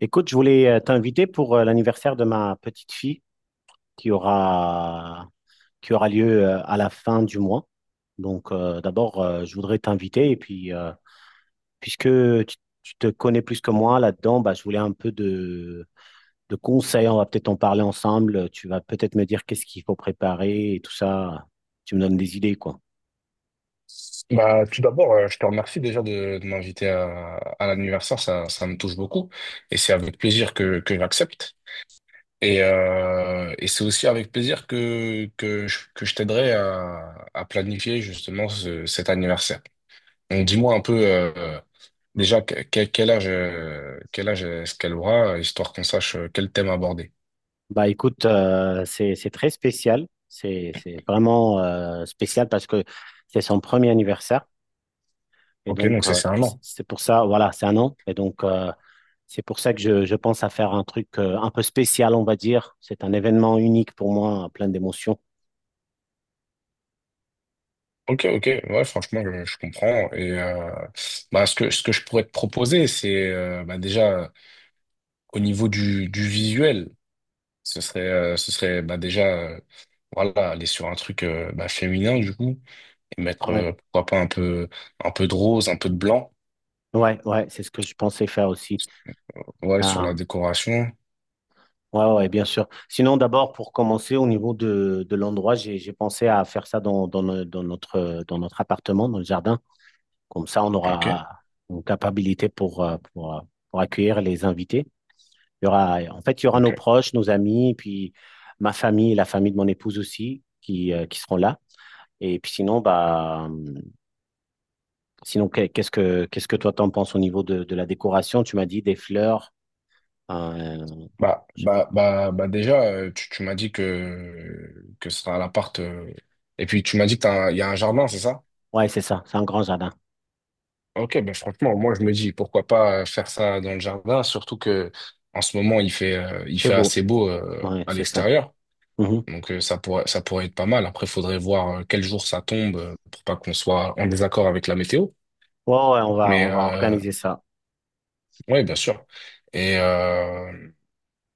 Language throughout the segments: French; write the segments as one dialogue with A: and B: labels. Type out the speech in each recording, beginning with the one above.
A: Écoute, je voulais t'inviter pour l'anniversaire de ma petite fille qui aura, qui aura lieu à la fin du mois. Donc, d'abord, je voudrais t'inviter et puis, puisque tu, tu te connais plus que moi là-dedans, bah, je voulais un peu de conseils. On va peut-être en parler ensemble. Tu vas peut-être me dire qu'est-ce qu'il faut préparer et tout ça. Tu me donnes des idées, quoi.
B: Bah, tout d'abord, je te remercie déjà de m'inviter à l'anniversaire, ça me touche beaucoup et c'est avec plaisir que j'accepte. Et c'est aussi avec plaisir que que je t'aiderai à planifier justement cet anniversaire. Donc dis-moi un peu déjà quel âge est-ce qu'elle aura, histoire qu'on sache quel thème aborder.
A: Bah, écoute, c'est très spécial. C'est vraiment spécial parce que c'est son premier anniversaire. Et
B: Ok, donc
A: donc,
B: c'est c'est un an.
A: c'est pour ça, voilà, c'est un an. Et donc, c'est pour ça que je pense à faire un truc un peu spécial, on va dire. C'est un événement unique pour moi, plein d'émotions.
B: Ok, ok, ouais, franchement, je comprends. Bah, ce que je pourrais te proposer, c'est bah, déjà. Au niveau du visuel, ce serait bah, déjà euh, voilà, aller sur un truc bah, féminin du coup, et mettre
A: Ouais,
B: pourquoi pas un peu, un peu de rose, un peu de blanc
A: ouais, c'est ce que je pensais faire aussi.
B: ouais, sur
A: Ah,
B: la décoration.
A: ouais, bien sûr. Sinon, d'abord, pour commencer, au niveau de l'endroit, j'ai pensé à faire ça dans, dans, no- dans notre appartement, dans le jardin. Comme ça, on
B: Ok.
A: aura une capacité pour accueillir les invités. Il y aura, en fait, il y aura nos
B: Ok.
A: proches, nos amis, et puis ma famille, la famille de mon épouse aussi, qui seront là. Et puis sinon, sinon, qu'est-ce que toi t'en penses au niveau de la décoration? Tu m'as dit des fleurs. euh,
B: Bah,
A: je-
B: bah, bah, bah déjà, tu m'as dit que ce sera à l'appart. Et puis tu m'as dit qu'il y a un jardin, c'est ça?
A: Ouais, c'est ça. C'est un grand jardin.
B: Ok, ben franchement, moi je me dis pourquoi pas faire ça dans le jardin, surtout que en ce moment il
A: Il
B: il
A: fait
B: fait
A: beau.
B: assez beau
A: Ouais,
B: à
A: c'est ça.
B: l'extérieur.
A: Mhm.
B: Donc ça pourrait être pas mal. Après, faudrait voir quel jour ça tombe pour pas qu'on soit en désaccord avec la météo.
A: Ouais,
B: Mais
A: on va
B: euh,
A: organiser ça.
B: ouais, bien sûr. Et, euh,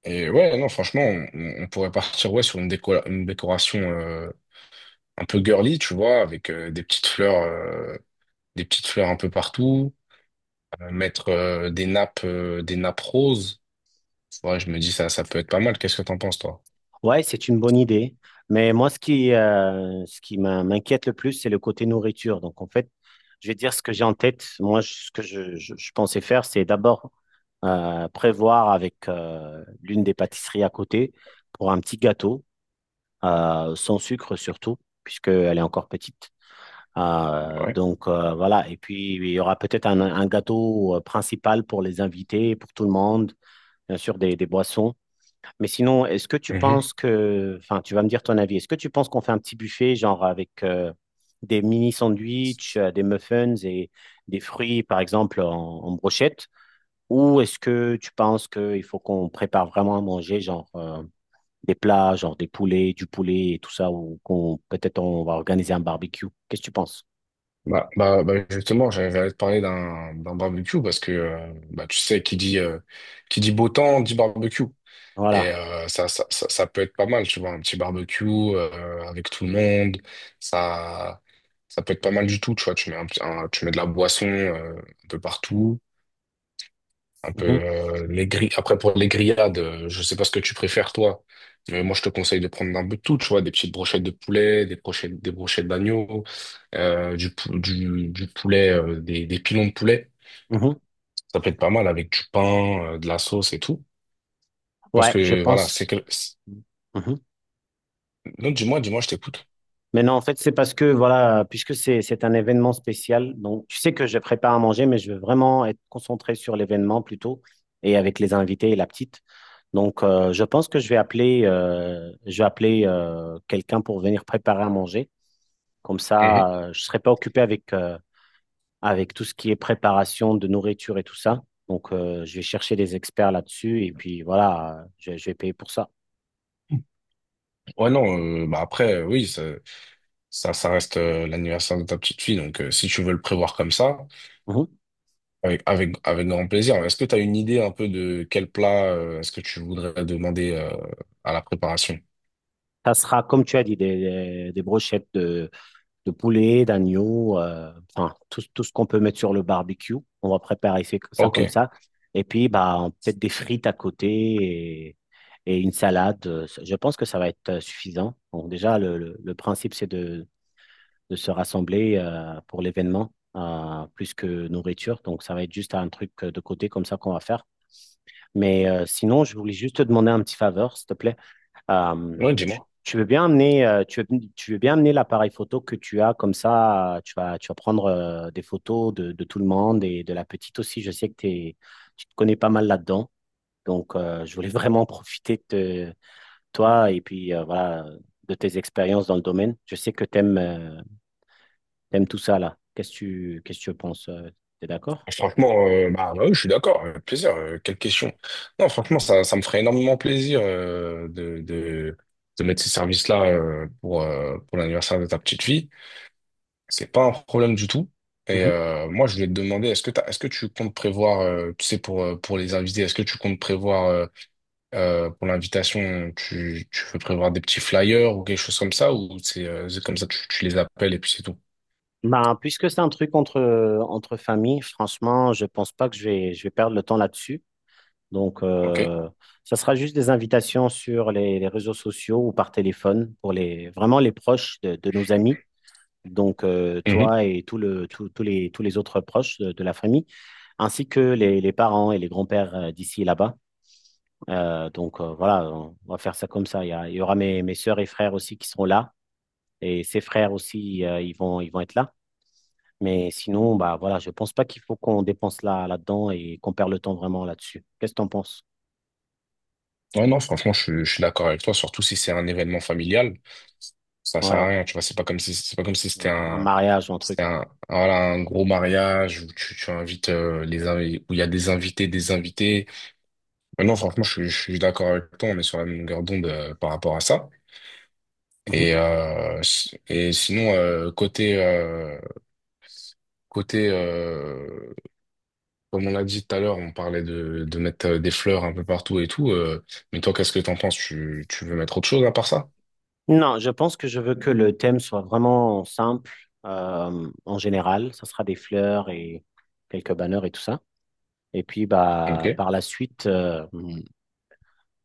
B: et ouais, non, franchement, on pourrait partir ouais, sur une décoration un peu girly, tu vois, avec des petites fleurs un peu partout, mettre des nappes, des nappes roses. Ouais, je me dis ça, ça peut être pas mal. Qu'est-ce que t'en penses, toi?
A: Ouais, c'est une bonne idée. Mais moi, ce qui m'inquiète le plus, c'est le côté nourriture. Donc, en fait, je vais dire ce que j'ai en tête. Ce que je pensais faire, c'est d'abord prévoir avec l'une des pâtisseries à côté pour un petit gâteau, sans sucre surtout, puisqu'elle est encore petite.
B: Ouais.
A: Voilà. Et puis, il y aura peut-être un gâteau principal pour les invités, pour tout le monde, bien sûr, des boissons. Mais sinon, est-ce que tu penses
B: Mhm.
A: que, enfin, tu vas me dire ton avis, est-ce que tu penses qu'on fait un petit buffet, genre avec des mini sandwichs, des muffins et des fruits, par exemple, en brochette? Ou est-ce que tu penses qu'il faut qu'on prépare vraiment à manger, genre des plats, genre des poulets, du poulet et tout ça, ou qu'on peut-être on va organiser un barbecue? Qu'est-ce que tu penses?
B: Bah, justement, j'allais te parler d'un barbecue parce que bah, tu sais, qui dit beau temps dit barbecue. Et
A: Voilà.
B: ça peut être pas mal, tu vois, un petit barbecue avec tout le monde. Ça, ça peut être pas mal du tout, tu vois. Tu mets de la boisson un peu partout, un peu
A: Mhm,
B: les grilles. Après, pour les grillades, je sais pas ce que tu préfères, toi. Mais moi, je te conseille de prendre un peu de tout, tu vois, des petites brochettes de poulet, des brochettes d'agneau, du poulet, des pilons de poulet.
A: mhm.
B: Ça peut être pas mal avec du pain, de la sauce et tout. Je pense
A: Ouais, je
B: que, voilà, c'est
A: pense.
B: que...
A: Mhm.
B: Non, dis-moi, dis-moi, je t'écoute.
A: Mais non, en fait, c'est parce que, voilà, puisque c'est un événement spécial, donc tu sais que je prépare à manger, mais je veux vraiment être concentré sur l'événement plutôt et avec les invités et la petite. Donc, je pense que je vais appeler quelqu'un pour venir préparer à manger. Comme
B: Mhm.
A: ça, je serai pas occupé avec, avec tout ce qui est préparation de nourriture et tout ça. Donc, je vais chercher des experts là-dessus et puis voilà, je vais payer pour ça.
B: Ouais, non, bah après, oui, ça reste l'anniversaire de ta petite fille, donc si tu veux le prévoir comme ça,
A: Mhm.
B: avec grand plaisir. Est-ce que tu as une idée un peu de quel plat est-ce que tu voudrais demander à la préparation?
A: Ça sera, comme tu as dit, des, des brochettes de poulet, d'agneau, enfin, tout ce qu'on peut mettre sur le barbecue. On va préparer ça
B: Ok,
A: comme ça. Et puis, bah, peut-être des frites à côté et une salade. Je pense que ça va être suffisant. Bon, déjà, le principe, c'est de se rassembler pour l'événement, plus que nourriture, donc ça va être juste un truc de côté comme ça qu'on va faire. Mais sinon, je voulais juste te demander un petit faveur, s'il te plaît.
B: ouais, dis-moi.
A: Tu veux bien amener, tu veux bien amener l'appareil photo que tu as, comme ça, tu vas prendre des photos de tout le monde et de la petite aussi. Je sais que t'es- Tu te connais pas mal là-dedans. Donc, je voulais vraiment profiter de toi et puis voilà, de tes expériences dans le domaine. Je sais que tu t'aimes tout ça là. Qu'est-ce que tu penses? Tu es d'accord?
B: Ah, franchement, bah oui, je suis d'accord, avec plaisir, quelle question. Non, franchement, ça me ferait énormément plaisir de mettre ces services-là pour l'anniversaire de ta petite fille. C'est pas un problème du tout. Et moi, je voulais te demander, est-ce que tu comptes prévoir, tu sais, pour les invités, est-ce que tu comptes prévoir pour l'invitation, tu veux prévoir des petits flyers ou quelque chose comme ça, ou c'est comme ça, tu les appelles et puis c'est tout.
A: Ben, puisque c'est un truc entre, entre familles, franchement, je pense pas que je vais perdre le temps là-dessus. Donc,
B: Ok?
A: ça sera juste des invitations sur les réseaux sociaux ou par téléphone pour les, vraiment les proches de nos amis. Donc, toi et tout le, tout- tous les autres proches de la famille, ainsi que les parents et les grands-pères d'ici et là-bas. Voilà, on va faire ça comme ça. Il y aura mes, mes sœurs et frères aussi qui seront là. Et ses frères aussi, ils vont être là. Mais sinon, bah voilà, je pense pas qu'il faut qu'on dépense là-dedans et qu'on perd le temps vraiment là-dessus. Qu'est-ce que t'en penses?
B: Ouais, non, franchement, je suis d'accord avec toi, surtout si c'est un événement familial. Ça sert à
A: Ouais,
B: rien, tu vois, c'est pas comme si,
A: un mariage ou un
B: c'était
A: truc.
B: un, voilà, un gros mariage où tu invites, où il y a des invités, des invités. Mais non, franchement, je suis d'accord avec toi, on est sur la même longueur d'onde, par rapport à ça.
A: Mhm.
B: Et sinon, côté, comme on l'a dit tout à l'heure, on parlait de mettre des fleurs un peu partout et tout, mais toi, qu'est-ce que t'en penses? Tu veux mettre autre chose à part ça?
A: Non, je pense que je veux que le thème soit vraiment simple en général. Ça sera des fleurs et quelques banners et tout ça. Et puis bah
B: Ok.
A: par la suite,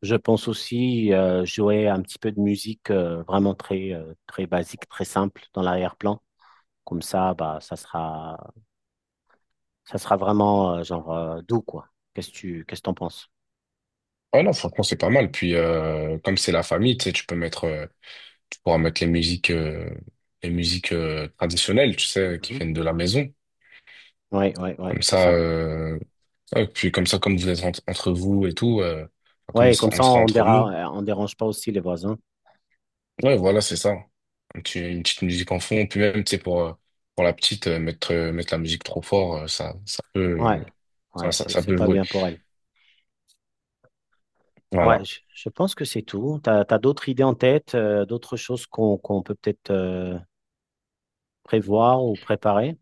A: je pense aussi jouer un petit peu de musique vraiment très très basique, très simple dans l'arrière-plan. Comme ça, bah ça sera ça sera vraiment doux, quoi. Qu'est-ce que t'en penses?
B: Ouais, non, franchement, c'est pas mal. Puis, comme c'est la famille, tu sais, tu pourras mettre les musiques, les musiques traditionnelles, tu sais, qui
A: Mhm.
B: viennent de la maison.
A: Ouais,
B: Comme
A: c'est
B: ça,
A: ça.
B: ouais, puis comme ça, comme vous êtes entre vous et tout, enfin, comme
A: Ouais, comme
B: on
A: ça,
B: sera entre nous.
A: on dérange pas aussi les voisins.
B: Ouais, voilà, c'est ça. Une petite musique en fond. Puis même, tu sais, pour la petite, mettre la musique trop fort,
A: Ouais,
B: ça,
A: ouais,
B: ça
A: c'est
B: peut
A: pas
B: jouer.
A: bien pour elle. Ouais,
B: Voilà.
A: je pense que c'est tout. T'as, t'as d'autres idées en tête, d'autres choses qu'on peut peut-être prévoir ou préparer?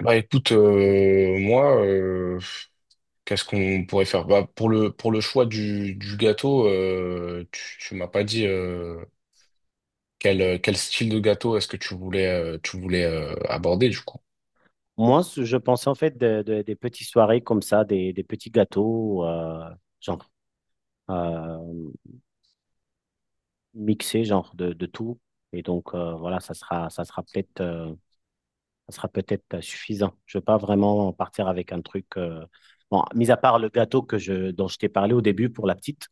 B: Bah, écoute, qu'est-ce qu'on pourrait faire? Bah, pour le choix du gâteau, tu m'as pas dit quel, quel style de gâteau est-ce que tu voulais, tu voulais aborder du coup?
A: Moi, je pensais en fait des petites soirées comme ça, des petits gâteaux, genre euh, mixés, genre de tout. Et donc voilà, ça sera peut-être suffisant. Je ne veux pas vraiment partir avec un truc, bon, mis à part le gâteau dont je t'ai parlé au début pour la petite,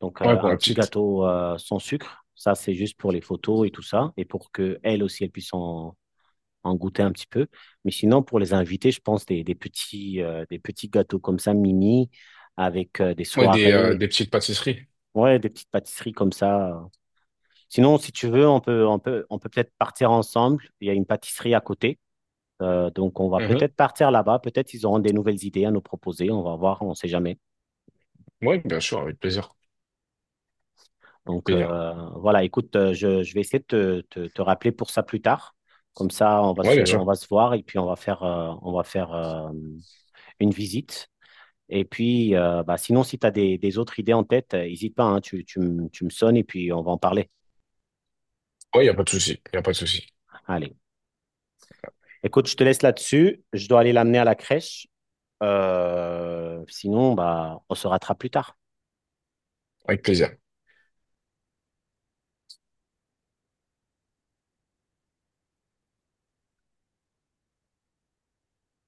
A: donc
B: Ouais, pour
A: un
B: la
A: petit
B: petite.
A: gâteau sans sucre, ça c'est juste pour les photos et tout ça, et pour que elle aussi elle puisse en goûter un petit peu. Mais sinon, pour les invités, je pense des, des petits gâteaux comme ça, mini, avec des
B: Ouais,
A: soirées,
B: des petites pâtisseries.
A: ouais, des petites pâtisseries comme ça. Sinon, si tu veux, on peut peut-être partir ensemble. Il y a une pâtisserie à côté. On va peut-être partir là-bas. Peut-être ils auront des nouvelles idées à nous proposer. On va voir, on ne sait jamais.
B: Oui, bien sûr, avec plaisir.
A: Donc,
B: Plaisir.
A: voilà, écoute, je vais essayer de te rappeler pour ça plus tard. Comme ça,
B: Ouais, bien
A: on
B: sûr.
A: va se voir et puis on va faire une visite. Et puis, bah, sinon, si tu as des autres idées en tête, n'hésite pas, hein, tu me sonnes et puis on va en parler.
B: Ouais, y a pas de souci. Y a pas de souci.
A: Allez. Écoute, je te laisse là-dessus. Je dois aller l'amener à la crèche. Sinon, bah, on se rattrape plus tard.
B: Avec plaisir.